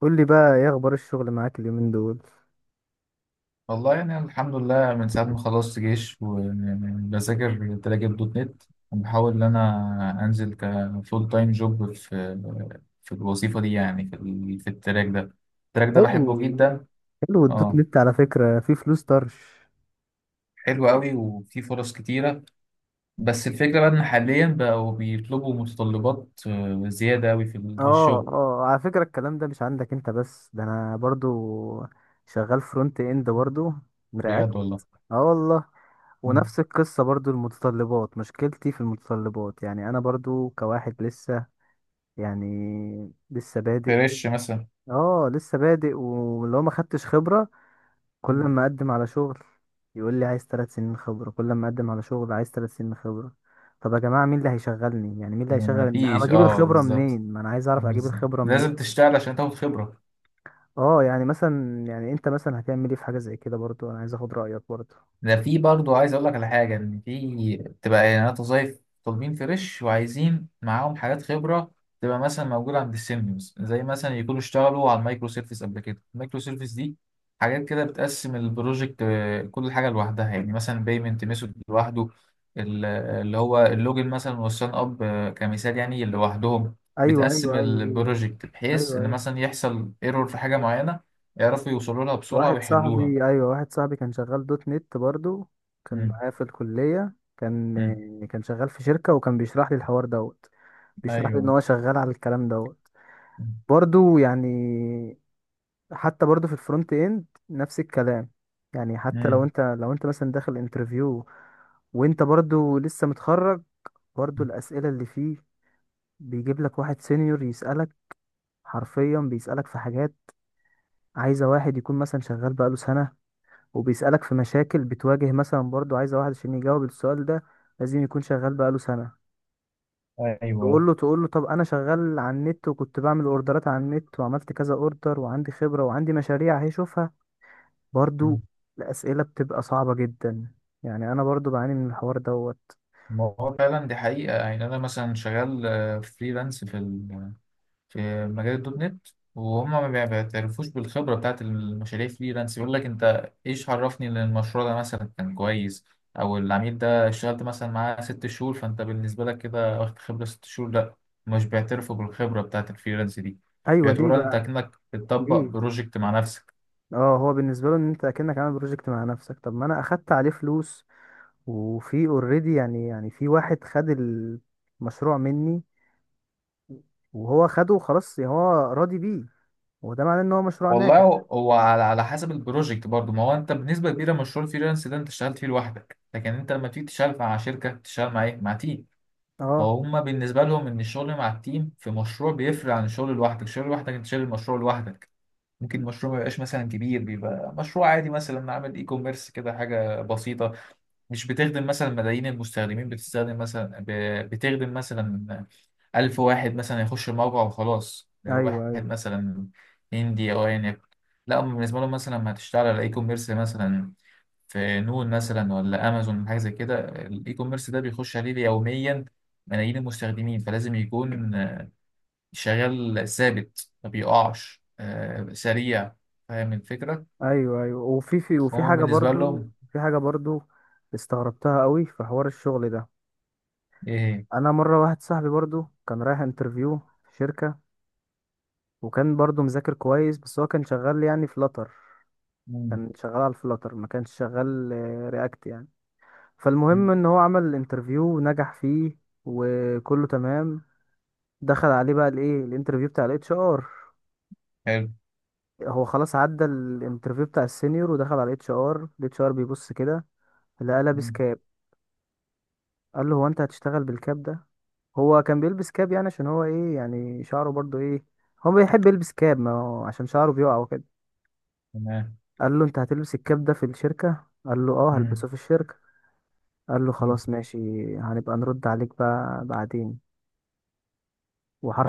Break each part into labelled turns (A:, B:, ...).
A: قول لي بقى، ايه اخبار الشغل معاك اليومين دول؟
B: والله يعني أنا الحمد لله من ساعة ما خلصت جيش وبذاكر تراجل دوت نت وبحاول إن أنا أنزل كفول تايم جوب في الوظيفة دي، يعني في التراك ده. التراك ده
A: حلو.
B: بحبه جدا.
A: حلو الدوت
B: اه،
A: نت على فكرة، في فلوس طرش.
B: حلو قوي وفيه فرص كتيرة. بس الفكرة بقى إن حاليا بقوا بيطلبوا متطلبات زيادة قوي في
A: اه،
B: الشغل.
A: اه، على فكرة الكلام ده مش عندك انت بس، ده انا برضو شغال فرونت اند برضو، رياكت.
B: بجد والله.
A: اه، والله.
B: مم.
A: ونفس القصة برضو، المتطلبات، مشكلتي في المتطلبات، يعني انا برضو كواحد لسه، يعني لسه بادئ.
B: فريش مثلا.
A: اه، لسه بادئ واللي هو ما خدتش خبرة. كل
B: مم.
A: ما اقدم على شغل يقول لي عايز 3 سنين خبرة، كل ما اقدم على شغل عايز 3 سنين خبرة. طب يا جماعة، مين اللي هيشغلني؟ يعني مين اللي هيشغل؟ انا
B: مفيش،
A: بجيب
B: اه
A: الخبرة
B: بالظبط.
A: منين؟ ما انا عايز اعرف اجيب
B: بالظبط
A: الخبرة منين.
B: لازم تشتغل عشان تاخد خبرة.
A: اه، يعني مثلا، يعني انت مثلا هتعمل ايه في حاجة زي كده؟ برضو انا عايز اخد رأيك برضو.
B: ده في برضه عايز اقول لك على حاجه، ان في بتبقى اعلانات وظايف طالبين فريش وعايزين معاهم حاجات خبره تبقى مثلا موجوده عند السيميوز، زي مثلا يكونوا اشتغلوا على المايكرو سيرفيس قبل كده. المايكرو سيرفيس دي حاجات كده بتقسم البروجكت، كل حاجه لوحدها، يعني مثلا بيمنت ميثود لوحده، اللي هو اللوجن مثلا والسان اب، كمثال يعني لوحدهم.
A: ايوه،
B: بتقسم
A: ايوه، ايوه، ايوه،
B: البروجكت بحيث
A: ايوه،
B: ان
A: ايوه.
B: مثلا يحصل ايرور في حاجه معينه يعرفوا يوصلوا لها بسرعه
A: واحد
B: ويحلوها.
A: صاحبي، ايوه، واحد صاحبي كان شغال دوت نت برضو. كان
B: مم.
A: معايا في الكلية، كان
B: مم.
A: كان شغال في شركة، وكان بيشرح لي الحوار دوت. بيشرح لي ان
B: ايوه.
A: هو شغال على الكلام دوت برضو يعني. حتى برضه في الفرونت اند نفس الكلام. يعني حتى لو
B: مم.
A: انت لو انت مثلا داخل انترفيو، وانت برضه لسه متخرج، برضه الاسئله اللي فيه، بيجيب لك واحد سينيور يسالك، حرفيا بيسالك في حاجات، عايزه واحد يكون مثلا شغال بقاله سنه، وبيسالك في مشاكل بتواجه مثلا، برضه عايزه واحد عشان يجاوب السؤال ده لازم يكون شغال بقاله سنه. تقول
B: ايوه.
A: له تقول له طب انا شغال على النت وكنت بعمل اوردرات على النت وعملت كذا اوردر، وعندي خبره وعندي مشاريع هيشوفها برضو.
B: مم.
A: الأسئلة بتبقى صعبة جدا، يعني أنا برضو بعاني من الحوار دوت.
B: ما هو فعلا دي حقيقة، يعني أنا مثلا شغال فريلانس في مجال الدوت نت. وهم ما بيع- بيعترفوش بالخبرة بتاعت المشاريع فريلانس. يقول لك أنت إيش عرفني إن المشروع ده مثلا كان كويس، أو العميل ده اشتغلت مثلا معاه 6 شهور، فأنت بالنسبة لك كده واخد خبرة 6 شهور. لأ، مش بيعترفوا بالخبرة بتاعت الفريلانس دي.
A: أيوة، ليه
B: بيعتبروها أنت
A: بقى؟
B: كأنك بتطبق
A: ليه؟
B: بروجكت مع نفسك.
A: اه، هو بالنسبة له إن أنت أكنك عامل بروجكت مع نفسك، طب ما أنا أخدت عليه فلوس، وفي اوريدي يعني في واحد خد المشروع مني، وهو خده وخلاص، يعني هو راضي بيه، وده معناه إن هو مشروع
B: والله،
A: ناجح.
B: هو على حسب البروجكت برضو. ما هو انت بنسبه كبيره مشروع الفريلانس ده انت اشتغلت فيه لوحدك، لكن انت لما تيجي تشتغل مع شركه تشتغل مع ايه، مع تيم.
A: اه.
B: فهم بالنسبه لهم ان الشغل مع التيم في مشروع بيفرق عن الشغل لوحدك. الشغل لوحدك انت شايل المشروع لوحدك. ممكن المشروع ما يبقاش مثلا كبير، بيبقى مشروع عادي مثلا، عامل اي كوميرس كده، حاجه بسيطه مش بتخدم مثلا ملايين المستخدمين، بتستخدم مثلا بتخدم مثلا 1000 واحد مثلا يخش الموقع وخلاص، واحد
A: أيوة، أيوة،
B: مثلا هندي أو أيا يكن. لا، هم بالنسبة لهم مثلا لما هتشتغل على إي كوميرس مثلا في نون مثلا ولا أمازون حاجة زي كده، الإي كوميرس ده بيخش عليه يوميا ملايين المستخدمين، فلازم يكون شغال ثابت ما بيقعش، سريع. فاهم الفكرة؟
A: أيوة، أيوة. وفي في وفي
B: هما
A: حاجة
B: بالنسبة
A: برضو
B: لهم.
A: في حاجة برضو، استغربتها قوي في حوار الشغل ده.
B: إيه؟
A: انا مره، واحد صاحبي برضو كان رايح انترفيو في شركه، وكان برضو مذاكر كويس، بس هو كان شغال يعني فلاتر.
B: مم.
A: كان شغال على الفلاتر، ما كانش شغال رياكت يعني. فالمهم
B: مم.
A: ان هو عمل الانترفيو ونجح فيه، وكله تمام. دخل عليه بقى، الايه، الانترفيو بتاع الاتش ار.
B: حلو.
A: هو خلاص عدى الانترفيو بتاع السينيور ودخل على الاتش ار. الاتش ار بيبص كده، لقى لابس
B: مم.
A: كاب. قال له: هو انت هتشتغل بالكاب ده؟ هو كان بيلبس كاب يعني عشان هو ايه يعني شعره برضو ايه، هو بيحب يلبس كاب، ما هو عشان شعره بيقع وكده.
B: تمام.
A: قال له: انت هتلبس الكاب ده في الشركة؟ قال له: اه،
B: مم.
A: هلبسه في الشركة. قال له:
B: مم.
A: خلاص، ماشي، هنبقى نرد عليك بقى بعدين.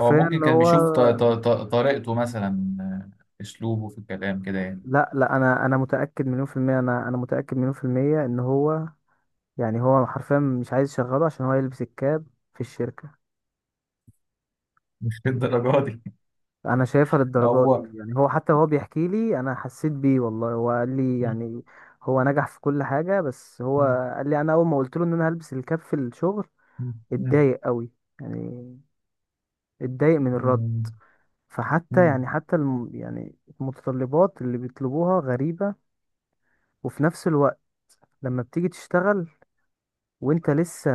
B: هو ممكن كان
A: هو،
B: بيشوف طريقته مثلا، اسلوبه في الكلام كده يعني.
A: لا، لا، انا متاكد مليون في الميه، انا متاكد مليون في الميه ان هو، يعني هو حرفيا مش عايز يشغله عشان هو يلبس الكاب في الشركه.
B: مش للدرجه دي.
A: انا شايفها للدرجه
B: هو.
A: دي، يعني هو، حتى هو بيحكي لي، انا حسيت بيه والله، هو قال لي
B: مم.
A: يعني. هو نجح في كل حاجه، بس هو
B: مم.
A: قال لي انا اول ما قلت له ان انا هلبس الكاب في الشغل،
B: مم. مم.
A: اتضايق قوي، يعني اتضايق من الرد.
B: مم.
A: فحتى
B: مم.
A: يعني، حتى الم يعني المتطلبات اللي بيطلبوها غريبه. وفي نفس الوقت، لما بتيجي تشتغل وانت لسه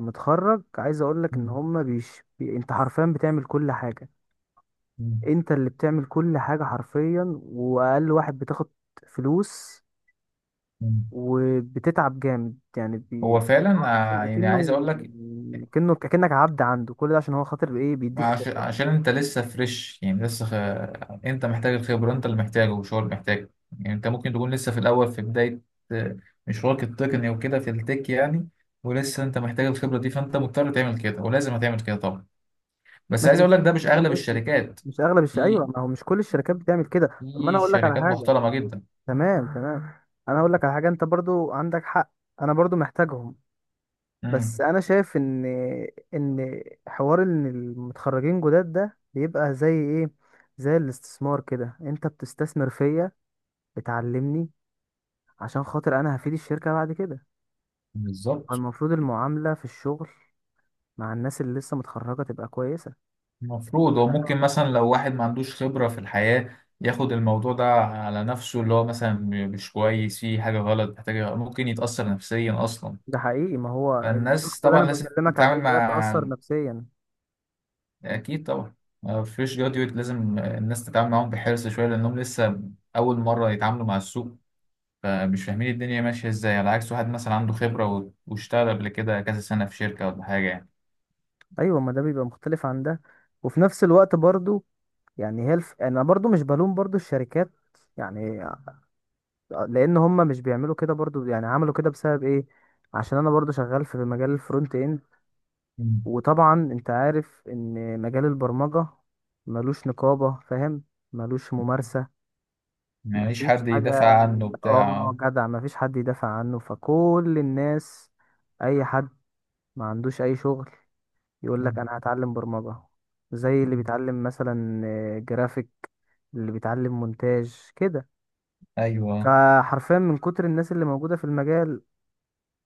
A: متخرج، عايز اقول لك ان هما بيش بي انت حرفيا بتعمل كل حاجه،
B: مم.
A: انت اللي بتعمل كل حاجة حرفيا، واقل واحد بتاخد فلوس،
B: مم.
A: وبتتعب جامد يعني
B: هو فعلا
A: هو حرفيا
B: يعني
A: اكنه،
B: عايز اقول لك
A: اكنك عبد عنده كل ده عشان هو خاطر بايه بيديك خبرة.
B: عشان انت لسه فريش، يعني لسه خ... انت محتاج الخبره، انت اللي محتاجه مش هو اللي محتاجه. يعني انت ممكن تكون لسه في الاول، في بدايه آه، مشوارك التقني وكده في التك يعني. ولسه انت محتاج الخبره دي، فانت مضطر تعمل كده ولازم هتعمل كده طبعا. بس
A: ماشي،
B: عايز اقول لك
A: بس
B: ده مش
A: كل
B: اغلب
A: الناس. بي...
B: الشركات.
A: مش اغلب الش... ايوه
B: في
A: ما هو مش كل الشركات بتعمل كده، طب ما انا
B: في
A: اقول لك على
B: شركات
A: حاجة.
B: محترمه جدا.
A: تمام، تمام. انا اقول لك على حاجة، انت برضو عندك حق، انا برضو محتاجهم. بس
B: امم.
A: انا شايف ان حوار ان المتخرجين جداد ده بيبقى زي ايه، زي الاستثمار كده، انت بتستثمر فيا، بتعلمني عشان خاطر انا هفيد الشركة بعد كده.
B: بالظبط.
A: المفروض المعاملة في الشغل مع الناس اللي لسه متخرجة تبقى كويسة.
B: المفروض هو ممكن مثلا لو واحد ما عندوش خبرة في الحياة ياخد الموضوع ده على نفسه، اللي هو مثلا مش كويس، فيه حاجة غلط، محتاج، ممكن يتأثر نفسيا أصلا.
A: ده حقيقي، ما هو الشخص
B: فالناس
A: اللي
B: طبعا
A: انا
B: لازم
A: بكلمك عليه
B: تتعامل
A: ده
B: مع.
A: تأثر نفسيا.
B: أكيد طبعا، ما فيش جراديويت، لازم الناس تتعامل معاهم بحرص شوية لأنهم لسه أول مرة يتعاملوا مع السوق، فمش فاهمين الدنيا ماشية ازاي. على عكس واحد مثلا عنده خبرة واشتغل قبل كده كذا سنة في شركة ولا حاجة يعني.
A: ايوه، ما ده بيبقى مختلف عن ده. وفي نفس الوقت برضو، يعني انا برضو مش بلوم برضو الشركات، يعني لان هم مش بيعملوا كده برضو، يعني عملوا كده بسبب ايه؟ عشان انا برضو شغال في مجال الفرونت اند،
B: مم.
A: وطبعا انت عارف ان مجال البرمجة ملوش نقابة، فاهم؟ ملوش ممارسة،
B: ما ليش
A: مفيش
B: حد
A: حاجة.
B: يدافع عنه
A: اه،
B: بتاع.
A: جدع، مفيش حد يدافع عنه، فكل الناس، اي حد ما عندوش اي شغل يقول لك
B: مم.
A: انا هتعلم برمجة، زي اللي
B: مم.
A: بيتعلم مثلا جرافيك، اللي بيتعلم مونتاج كده.
B: ايوه.
A: فحرفيا من كتر الناس اللي موجودة في المجال،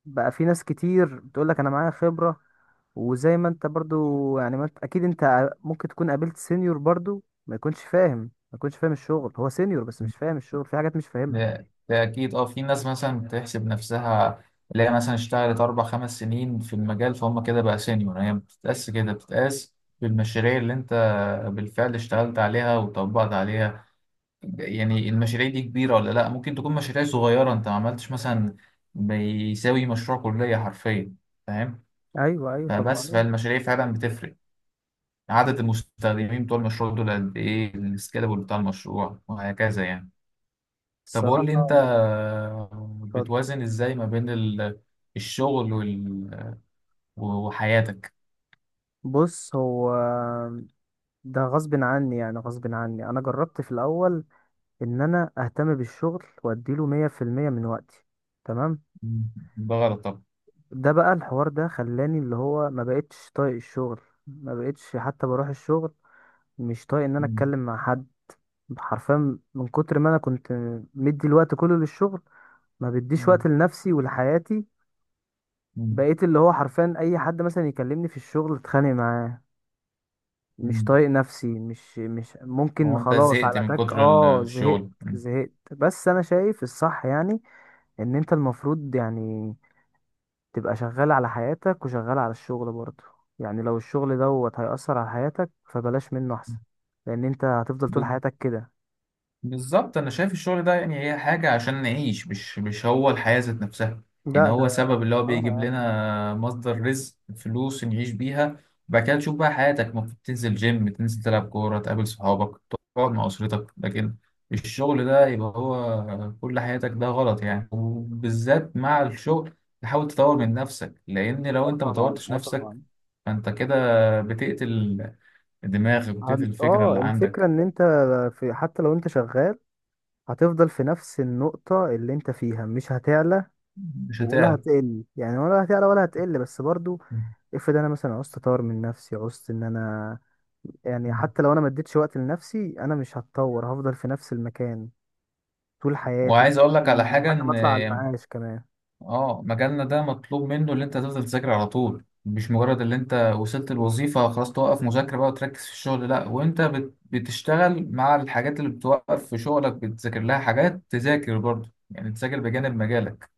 A: بقى في ناس كتير بتقول لك انا معايا خبرة. وزي ما انت برضو يعني، ما انت اكيد انت ممكن تكون قابلت سينيور برضو ما يكونش فاهم، ما يكونش فاهم الشغل، هو سينيور بس مش فاهم الشغل، في حاجات مش فاهمها.
B: ده أكيد. اه في ناس مثلا بتحسب نفسها اللي هي مثلا اشتغلت 4 5 سنين في المجال، فهم كده بقى سينيور. هي ما بتتقاس كده، بتتقاس بالمشاريع اللي أنت بالفعل اشتغلت عليها وطبقت عليها. يعني المشاريع دي كبيرة ولا لأ؟ ممكن تكون مشاريع صغيرة أنت ما عملتش مثلا، بيساوي مشروع كلية حرفيا، فاهم؟
A: ايوه، ايوه، طب
B: فبس،
A: معلش.
B: فالمشاريع فعلا بتفرق. عدد المستخدمين بتوع المشروع دول قد إيه، السكيلابل بتاع المشروع، وهكذا يعني. طب قول لي أنت،
A: الصراحة، اتفضل.
B: بتوازن إزاي ما بين الشغل وال... وحياتك.
A: بص، هو ده غصب عني، يعني غصب عني انا جربت في الاول ان انا اهتم بالشغل واديله 100% من وقتي، تمام.
B: مم. ده غلط طبعا.
A: ده بقى، الحوار ده خلاني اللي هو ما بقتش طايق الشغل، ما بقتش حتى بروح الشغل، مش طايق ان انا
B: مم.
A: اتكلم مع حد. حرفيا من كتر ما انا كنت مدي الوقت كله للشغل، ما بديش
B: مم.
A: وقت لنفسي ولحياتي.
B: مم.
A: بقيت اللي هو حرفيا اي حد مثلا يكلمني في الشغل اتخانق معاه، مش
B: مم.
A: طايق نفسي، مش ممكن،
B: هو أنت
A: خلاص،
B: زهقت
A: على
B: من
A: تك،
B: كتر
A: اه، زهقت
B: الشغل؟
A: زهقت، بس انا شايف الصح يعني ان انت المفروض يعني تبقى شغال على حياتك وشغال على الشغل برضه. يعني لو الشغل دوت هيأثر على حياتك فبلاش منه احسن، لان انت هتفضل طول
B: مم.
A: حياتك كده.
B: بالظبط. انا شايف الشغل ده، يعني هي حاجة عشان نعيش، مش هو الحياة ذات نفسها. يعني
A: لا، ده،
B: هو سبب اللي هو
A: اه،
B: بيجيب
A: اه،
B: لنا مصدر رزق، فلوس نعيش بيها. وبعد كده تشوف بقى حياتك، المفروض تنزل جيم، تنزل تلعب كورة، تقابل صحابك، تقعد مع أسرتك. لكن الشغل ده يبقى هو كل حياتك، ده غلط يعني. وبالذات مع الشغل، تحاول تطور من نفسك، لأن لو
A: آه
B: أنت
A: طبعا،
B: مطورتش
A: اه
B: نفسك
A: طبعا.
B: فأنت كده بتقتل دماغك وبتقتل الفكرة اللي
A: الفكرة
B: عندك.
A: ان انت، في، حتى لو انت شغال، هتفضل في نفس النقطة اللي انت فيها، مش هتعلى
B: مش
A: ولا
B: هتعرف.
A: هتقل، يعني ولا هتعلى ولا هتقل، بس برضو افرض انا مثلا عوزت اطور من نفسي، عوزت ان انا، يعني حتى لو انا ما اديتش وقت لنفسي، انا مش هتطور، هفضل في نفس المكان طول حياتي
B: وعايز
A: لحد
B: اقول لك على
A: ما
B: حاجه،
A: لحد ما
B: ان
A: اطلع على المعاش كمان.
B: اه مجالنا ده مطلوب منه اللي انت تفضل تذاكر على طول، مش مجرد اللي انت وصلت الوظيفه خلاص توقف مذاكره بقى وتركز في الشغل، لا. وانت بتشتغل مع الحاجات اللي بتوقف في شغلك بتذاكر لها حاجات، تذاكر برضه يعني، تذاكر بجانب مجالك.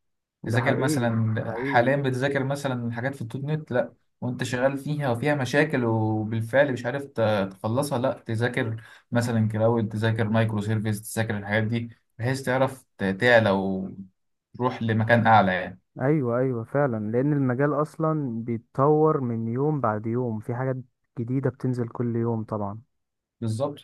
A: ده
B: تذاكر
A: حقيقي. ده
B: مثلا،
A: حقيقي.
B: حاليا بتذاكر مثلا حاجات في الدوت نت، لا وانت شغال فيها وفيها مشاكل وبالفعل مش عارف تخلصها، لا تذاكر مثلا كلاود، تذاكر مايكرو سيرفيس، تذاكر الحاجات دي بحيث تعرف تعلى وتروح لمكان اعلى يعني.
A: ايوه، ايوه، فعلا، لان المجال اصلا بيتطور من يوم بعد يوم، في حاجات جديدة بتنزل كل يوم طبعا.
B: بالظبط.